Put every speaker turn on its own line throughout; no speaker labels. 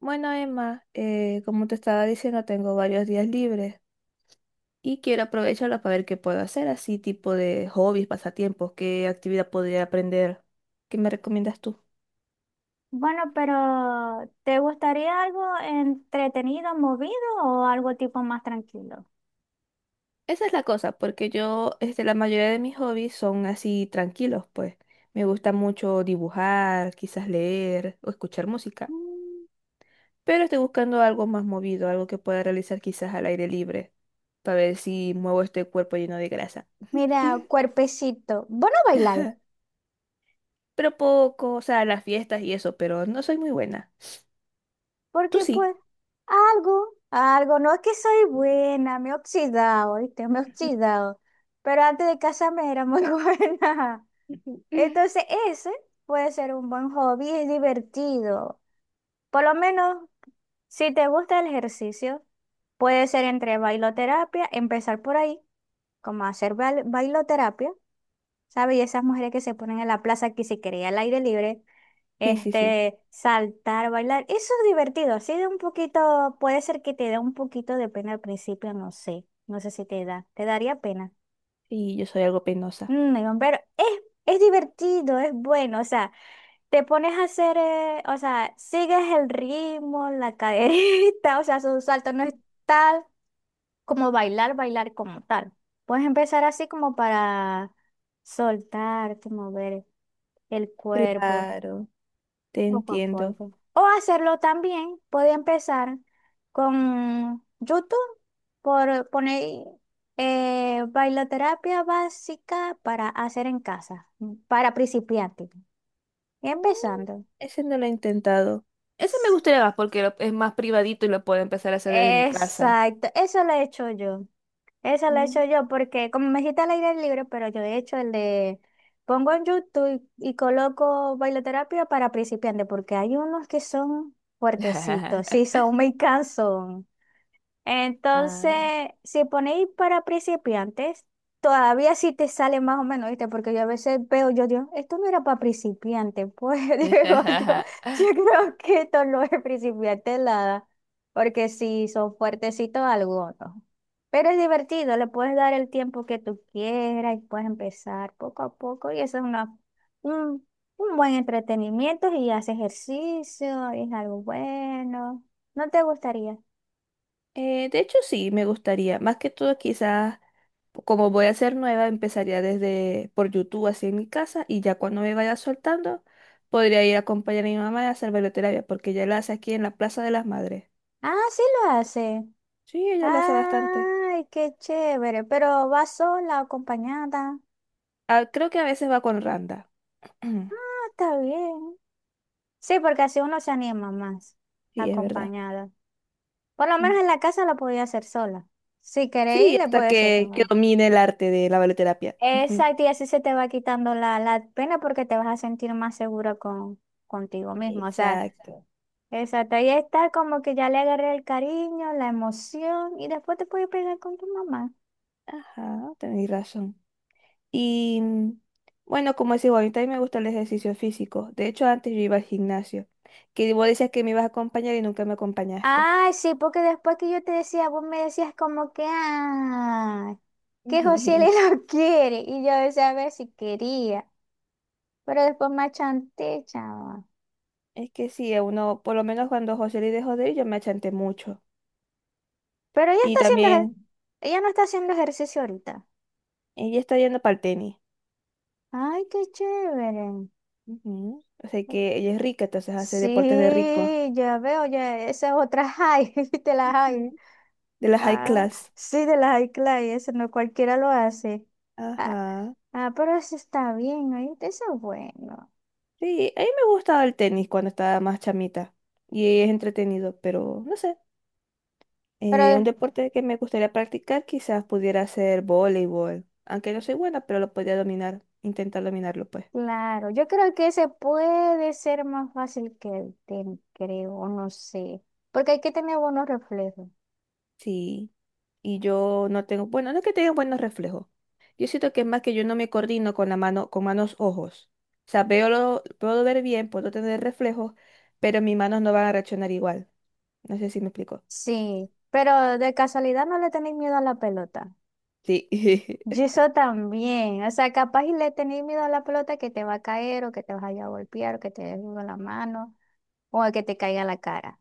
Bueno, Emma, como te estaba diciendo, tengo varios días libres y quiero aprovecharlos para ver qué puedo hacer, así tipo de hobbies, pasatiempos, qué actividad podría aprender. ¿Qué me recomiendas tú?
Bueno, pero ¿te gustaría algo entretenido, movido o algo tipo más tranquilo?
Esa es la cosa, porque la mayoría de mis hobbies son así tranquilos, pues. Me gusta mucho dibujar, quizás leer o escuchar música,
Mm,
pero estoy buscando algo más movido, algo que pueda realizar quizás al aire libre, para ver si muevo este cuerpo lleno de grasa.
Mira, cuerpecito, vos no bailáis,
Pero poco, o sea, las fiestas y eso, pero no soy muy buena. Tú
porque
sí.
pues algo, no es que soy buena, me he oxidado, ¿viste? Me he oxidado, pero antes de casarme era muy buena. Entonces ese puede ser un buen hobby, es divertido. Por lo menos, si te gusta el ejercicio, puede ser entre bailoterapia, empezar por ahí. Como hacer bailoterapia, ¿sabes? Y esas mujeres que se ponen en la plaza que se quería al aire libre,
Sí, sí, sí.
saltar, bailar, eso es divertido, así de un poquito, puede ser que te dé un poquito de pena al principio, no sé, no sé si te da, te daría pena.
Sí, yo soy algo penosa.
Digo, pero es divertido, es bueno, o sea, te pones a hacer, o sea, sigues el ritmo, la caderita, o sea, su salto no es tal. Como bailar, bailar como tal. Puedes empezar así como para soltarte, mover el cuerpo
Claro, te
poco a
entiendo.
poco. O hacerlo también, puede empezar con YouTube por poner bailoterapia básica para hacer en casa, para principiantes.
Mm,
Empezando.
ese no lo he intentado. Ese me gustaría más porque es más privadito y lo puedo empezar a hacer desde mi casa.
Exacto, eso lo he hecho yo. Eso lo he hecho
Mm.
yo porque como me dijiste al aire libre, pero yo he hecho el de pongo en YouTube y coloco bailoterapia para principiantes porque hay unos que son fuertecitos, sí, son muy cansos. Entonces,
Ay.
si ponéis para principiantes, todavía sí te sale más o menos, ¿viste? Porque yo a veces veo, yo digo, esto no era para principiantes, pues digo yo, yo creo que esto no es principiante nada, porque si son fuertecitos algunos. Pero es divertido, le puedes dar el tiempo que tú quieras y puedes empezar poco a poco y eso es un, un buen entretenimiento y haces ejercicio, es algo bueno. ¿No te gustaría?
De hecho, sí, me gustaría. Más que todo, quizás, como voy a ser nueva, empezaría desde por YouTube, así en mi casa, y ya cuando me vaya soltando, podría ir a acompañar a mi mamá a hacer bailoterapia, porque ella la hace aquí en la Plaza de las Madres.
Ah, sí lo hace.
Sí, ella lo hace bastante.
Ay, qué chévere. Pero va sola, acompañada.
Ah, creo que a veces va con Randa.
Ah, está bien. Sí, porque así uno se anima más,
Sí, es verdad.
acompañada. Por lo
Mm.
menos en la casa lo podía hacer sola. Si queréis,
Sí,
le
hasta
puedo decir
que, que
también.
domine el arte de la baloterapia.
Exacto, y así se te va quitando la pena porque te vas a sentir más segura contigo mismo. O sea,
Exacto.
exacto. Y está como que ya le agarré el cariño, la emoción, y después te puedes pegar con tu mamá.
Ajá, tenéis razón. Y mm, bueno, como es igual, a mí también me gusta el ejercicio físico. De hecho, antes yo iba al gimnasio, que vos decías que me ibas a acompañar y nunca me acompañaste.
Ay, sí, porque después que yo te decía, vos me decías como que, ah, que José le lo quiere. Y yo decía, a ver si quería. Pero después me achanté, chava.
Es que sí, a uno, por lo menos cuando José le dejó de ir, yo me achanté mucho.
Pero ella
Y
está haciendo,
también
ella no está haciendo ejercicio ahorita.
ella está yendo para el tenis.
Ay, qué chévere.
Ujú. O sea que ella es rica, entonces hace deportes de rico.
Sí, ya veo, ya, esa es otra high, de la high.
Ujú. De la high
Ah,
class.
sí, de la high class, eso no cualquiera lo hace. Ah,
Ajá.
ah, pero eso está bien, ahí eso es bueno.
Sí, a mí me gustaba el tenis cuando estaba más chamita. Y es entretenido, pero no sé. Un
Pero
deporte que me gustaría practicar quizás pudiera ser voleibol, aunque no soy buena, pero lo podría dominar, intentar dominarlo pues.
claro, yo creo que ese puede ser más fácil que el tenis, creo, o no sé, porque hay que tener buenos reflejos.
Sí, y yo no tengo, bueno, no es que tenga buenos reflejos. Yo siento que es más que yo no me coordino con la mano, con manos ojos. O sea, veo lo, puedo ver bien, puedo tener reflejos, pero mis manos no van a reaccionar igual. No sé si me explico.
Sí, pero de casualidad no le tenéis miedo a la pelota.
Sí.
Yo eso también, o sea, capaz y le tenéis miedo a la pelota que te va a caer o que te vas a ir a golpear o que te des con la mano o a que te caiga a la cara.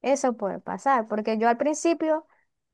Eso puede pasar, porque yo al principio,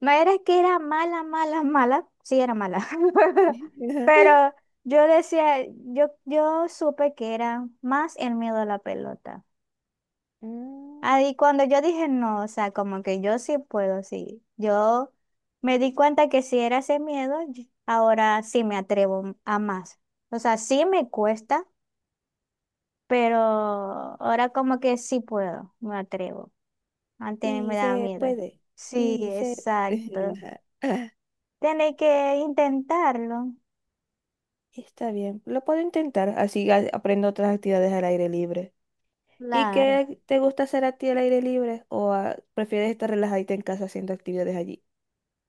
no era que era mala, mala, mala, sí era mala, pero yo decía, yo supe que era más el miedo a la pelota.
Mm,
Ahí cuando yo dije, no, o sea, como que yo sí puedo, sí, yo me di cuenta que si era ese miedo, ahora sí me atrevo a más. O sea, sí me cuesta, pero ahora como que sí puedo, me atrevo. Antes me
sí,
da
se
miedo.
puede.
Sí,
Sí, se...
exacto. Tiene que intentarlo.
Está bien, lo puedo intentar, así aprendo otras actividades al aire libre. ¿Y
Claro.
qué te gusta hacer a ti al aire libre? ¿O ah, prefieres estar relajadita en casa haciendo actividades allí?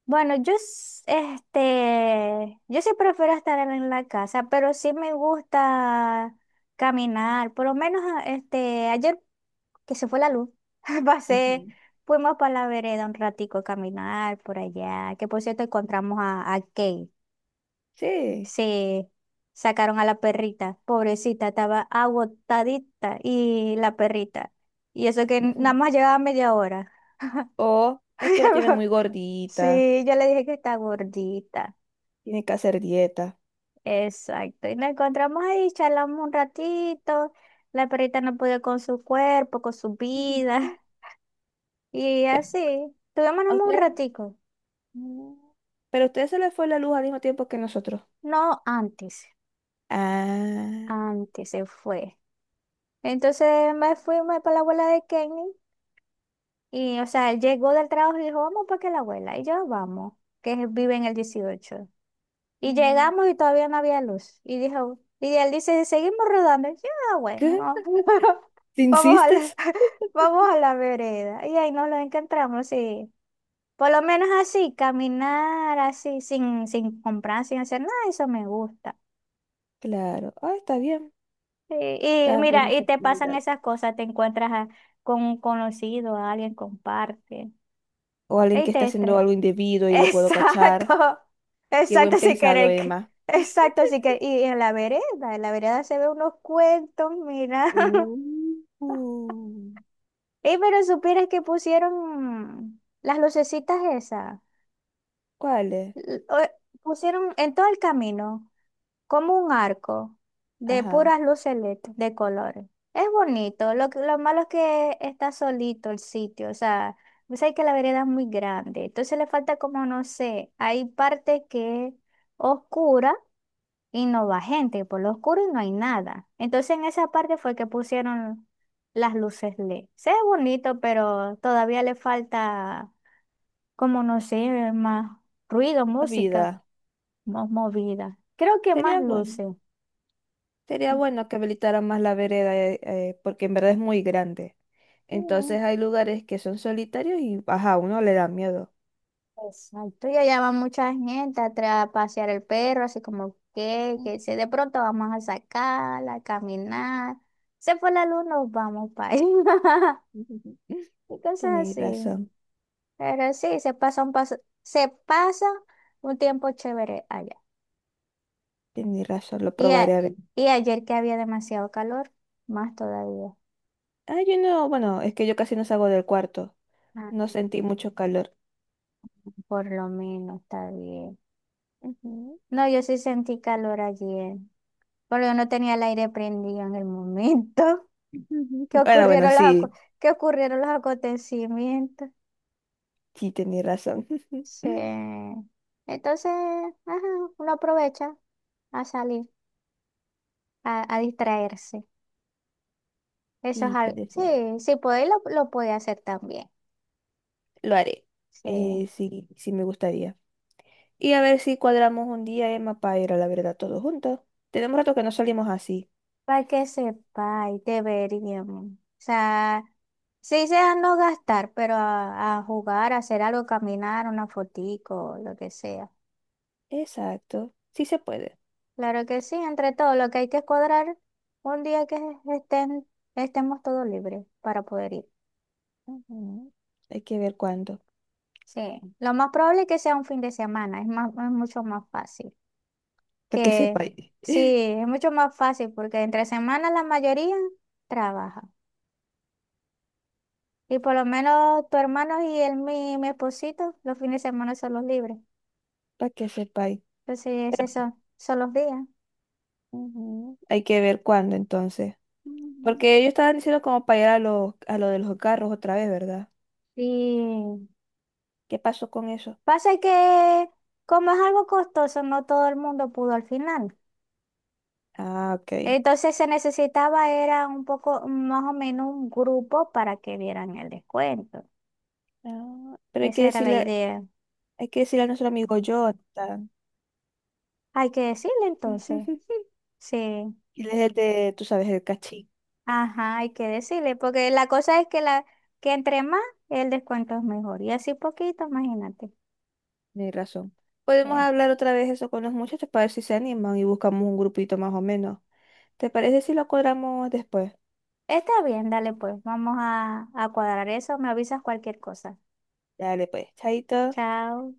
Bueno, yo sí prefiero estar en la casa, pero sí me gusta caminar. Por lo menos ayer que se fue la luz, pasé,
Ujú.
fuimos para la vereda un ratico a caminar por allá, que por cierto encontramos a Kate.
Sí.
Sí, sacaron a la perrita, pobrecita, estaba agotadita y la perrita. Y eso que nada
Ujú.
más llegaba media hora.
O es que la tienen muy gordita,
Sí, yo le dije que está gordita.
tiene que hacer dieta.
Exacto. Y nos encontramos ahí, charlamos un ratito. La perrita no podía con su cuerpo, con su
Ujú.
vida. Y así, tuvimos
¿A
nomás un
usted?
ratico.
Mm. Pero a usted se le fue la luz al mismo tiempo que nosotros.
No, antes,
Ah.
antes se fue. Entonces me fui me para la abuela de Kenny. Y, o sea, él llegó del trabajo y dijo, vamos para que la abuela. Y yo, vamos, vive en el 18. Y
Mm.
llegamos y todavía no había luz. Y dijo, y él dice, seguimos rodando. Y yo, "Ah,
¿Qué?
bueno, vamos
¿Te
vamos a la,
insistes?
vamos a la vereda". Y ahí nos lo encontramos, sí. Por lo menos así, caminar así, sin comprar, sin hacer nada, eso me gusta.
Claro. Ah, está bien.
Y
Está buena
mira, y
esta
te pasan
actividad.
esas cosas, te encuentras con un conocido, a alguien, comparte.
O alguien
Y
que está
te
haciendo
estresas.
algo indebido y lo puedo cachar.
Exacto,
Qué buen
exacto, si
pensado,
querer,
Emma.
exacto, si querer. Y en la vereda se ve unos cuentos, mira.
Uh.
Y pero supieras que pusieron las lucecitas esas,
¿Cuál es?
l- o- pusieron en todo el camino como un arco de
Ajá,
puras luces LED de colores. Es bonito, lo malo es que está solito el sitio, o sea, sabes que la vereda es muy grande, entonces le falta como, no sé, hay partes que oscuras y no va gente, por lo oscuro y no hay nada. Entonces en esa parte fue que pusieron las luces LED. Se ve bonito, pero todavía le falta, como no sé, más ruido,
la
música
vida.
más movida. Creo que más
Sería bueno.
luces.
Sería bueno que habilitaran más la vereda, porque en verdad es muy grande.
Mm,
Entonces hay lugares que son solitarios y, ajá, a uno le da miedo.
Exacto ya llama mucha gente a pasear el perro, así como que, si de pronto vamos a sacarla, a caminar, se fue la luz, nos vamos para ahí, y cosas
Tenéis
así.
razón,
Pero sí, se pasa un tiempo chévere allá.
tenéis razón, lo
Y,
probaré
a-
a ver.
y ayer que había demasiado calor, más todavía.
Ah, yo no, bueno, es que yo casi no salgo del cuarto.
Ah,
No sentí mucho calor.
por lo menos está bien.
Ujú.
No, yo sí sentí calor ayer, porque yo no tenía el aire prendido en el momento que
Bueno, bueno,
ocurrieron los, aco-
sí,
que ocurrieron los acontecimientos.
sí, tenéis razón.
Sí. Entonces, ajá, uno aprovecha a salir, a distraerse. Eso es
Sí,
algo.
puede ser.
Sí, sí, podéis, lo podéis hacer también.
Lo haré.
Sí,
Sí, sí me gustaría. Y a ver si cuadramos un día, Emma, para ir a la verdad todos juntos. Tenemos rato que no salimos así.
para que sepáis, deberíamos. O sea, sí sea no gastar, pero a jugar, a hacer algo, caminar, una fotico, lo que sea.
Exacto. Sí se puede.
Claro que sí, entre todo, lo que hay que es cuadrar un día que estén, estemos todos libres para poder ir.
Ujú. Hay que ver cuándo.
Sí, lo más probable es que sea un fin de semana, es más, es mucho más fácil.
Para que
Que
sepáis.
sí, es mucho más fácil porque entre semana la mayoría trabaja. Y por lo menos tu hermano y mi esposito, los fines de semana son los libres.
Para que sepáis.
Entonces, esos son los días.
Ujú. Hay que ver cuándo entonces.
Mm.
Porque ellos estaban diciendo como para ir a los, a lo de los carros otra vez, ¿verdad?
Y
¿Qué pasó con eso?
pasa que como es algo costoso, no todo el mundo pudo al final.
Ah, ok.
Entonces se necesitaba, era un poco, más o menos un grupo para que vieran el descuento.
Ah, pero
Esa era la idea.
hay que decirle a nuestro amigo Jonathan.
Hay que decirle entonces. Sí,
Él es el de, tú sabes, el cachín.
ajá, hay que decirle, porque la cosa es que la, que entre más, el descuento es mejor. Y así poquito, imagínate.
Ni razón. Podemos
Eh,
hablar otra vez eso con los muchachos para ver si se animan y buscamos un grupito más o menos. ¿Te parece si lo cuadramos después?
Está bien, dale pues, vamos a cuadrar eso, me avisas cualquier cosa.
Dale pues, chaito.
Chao.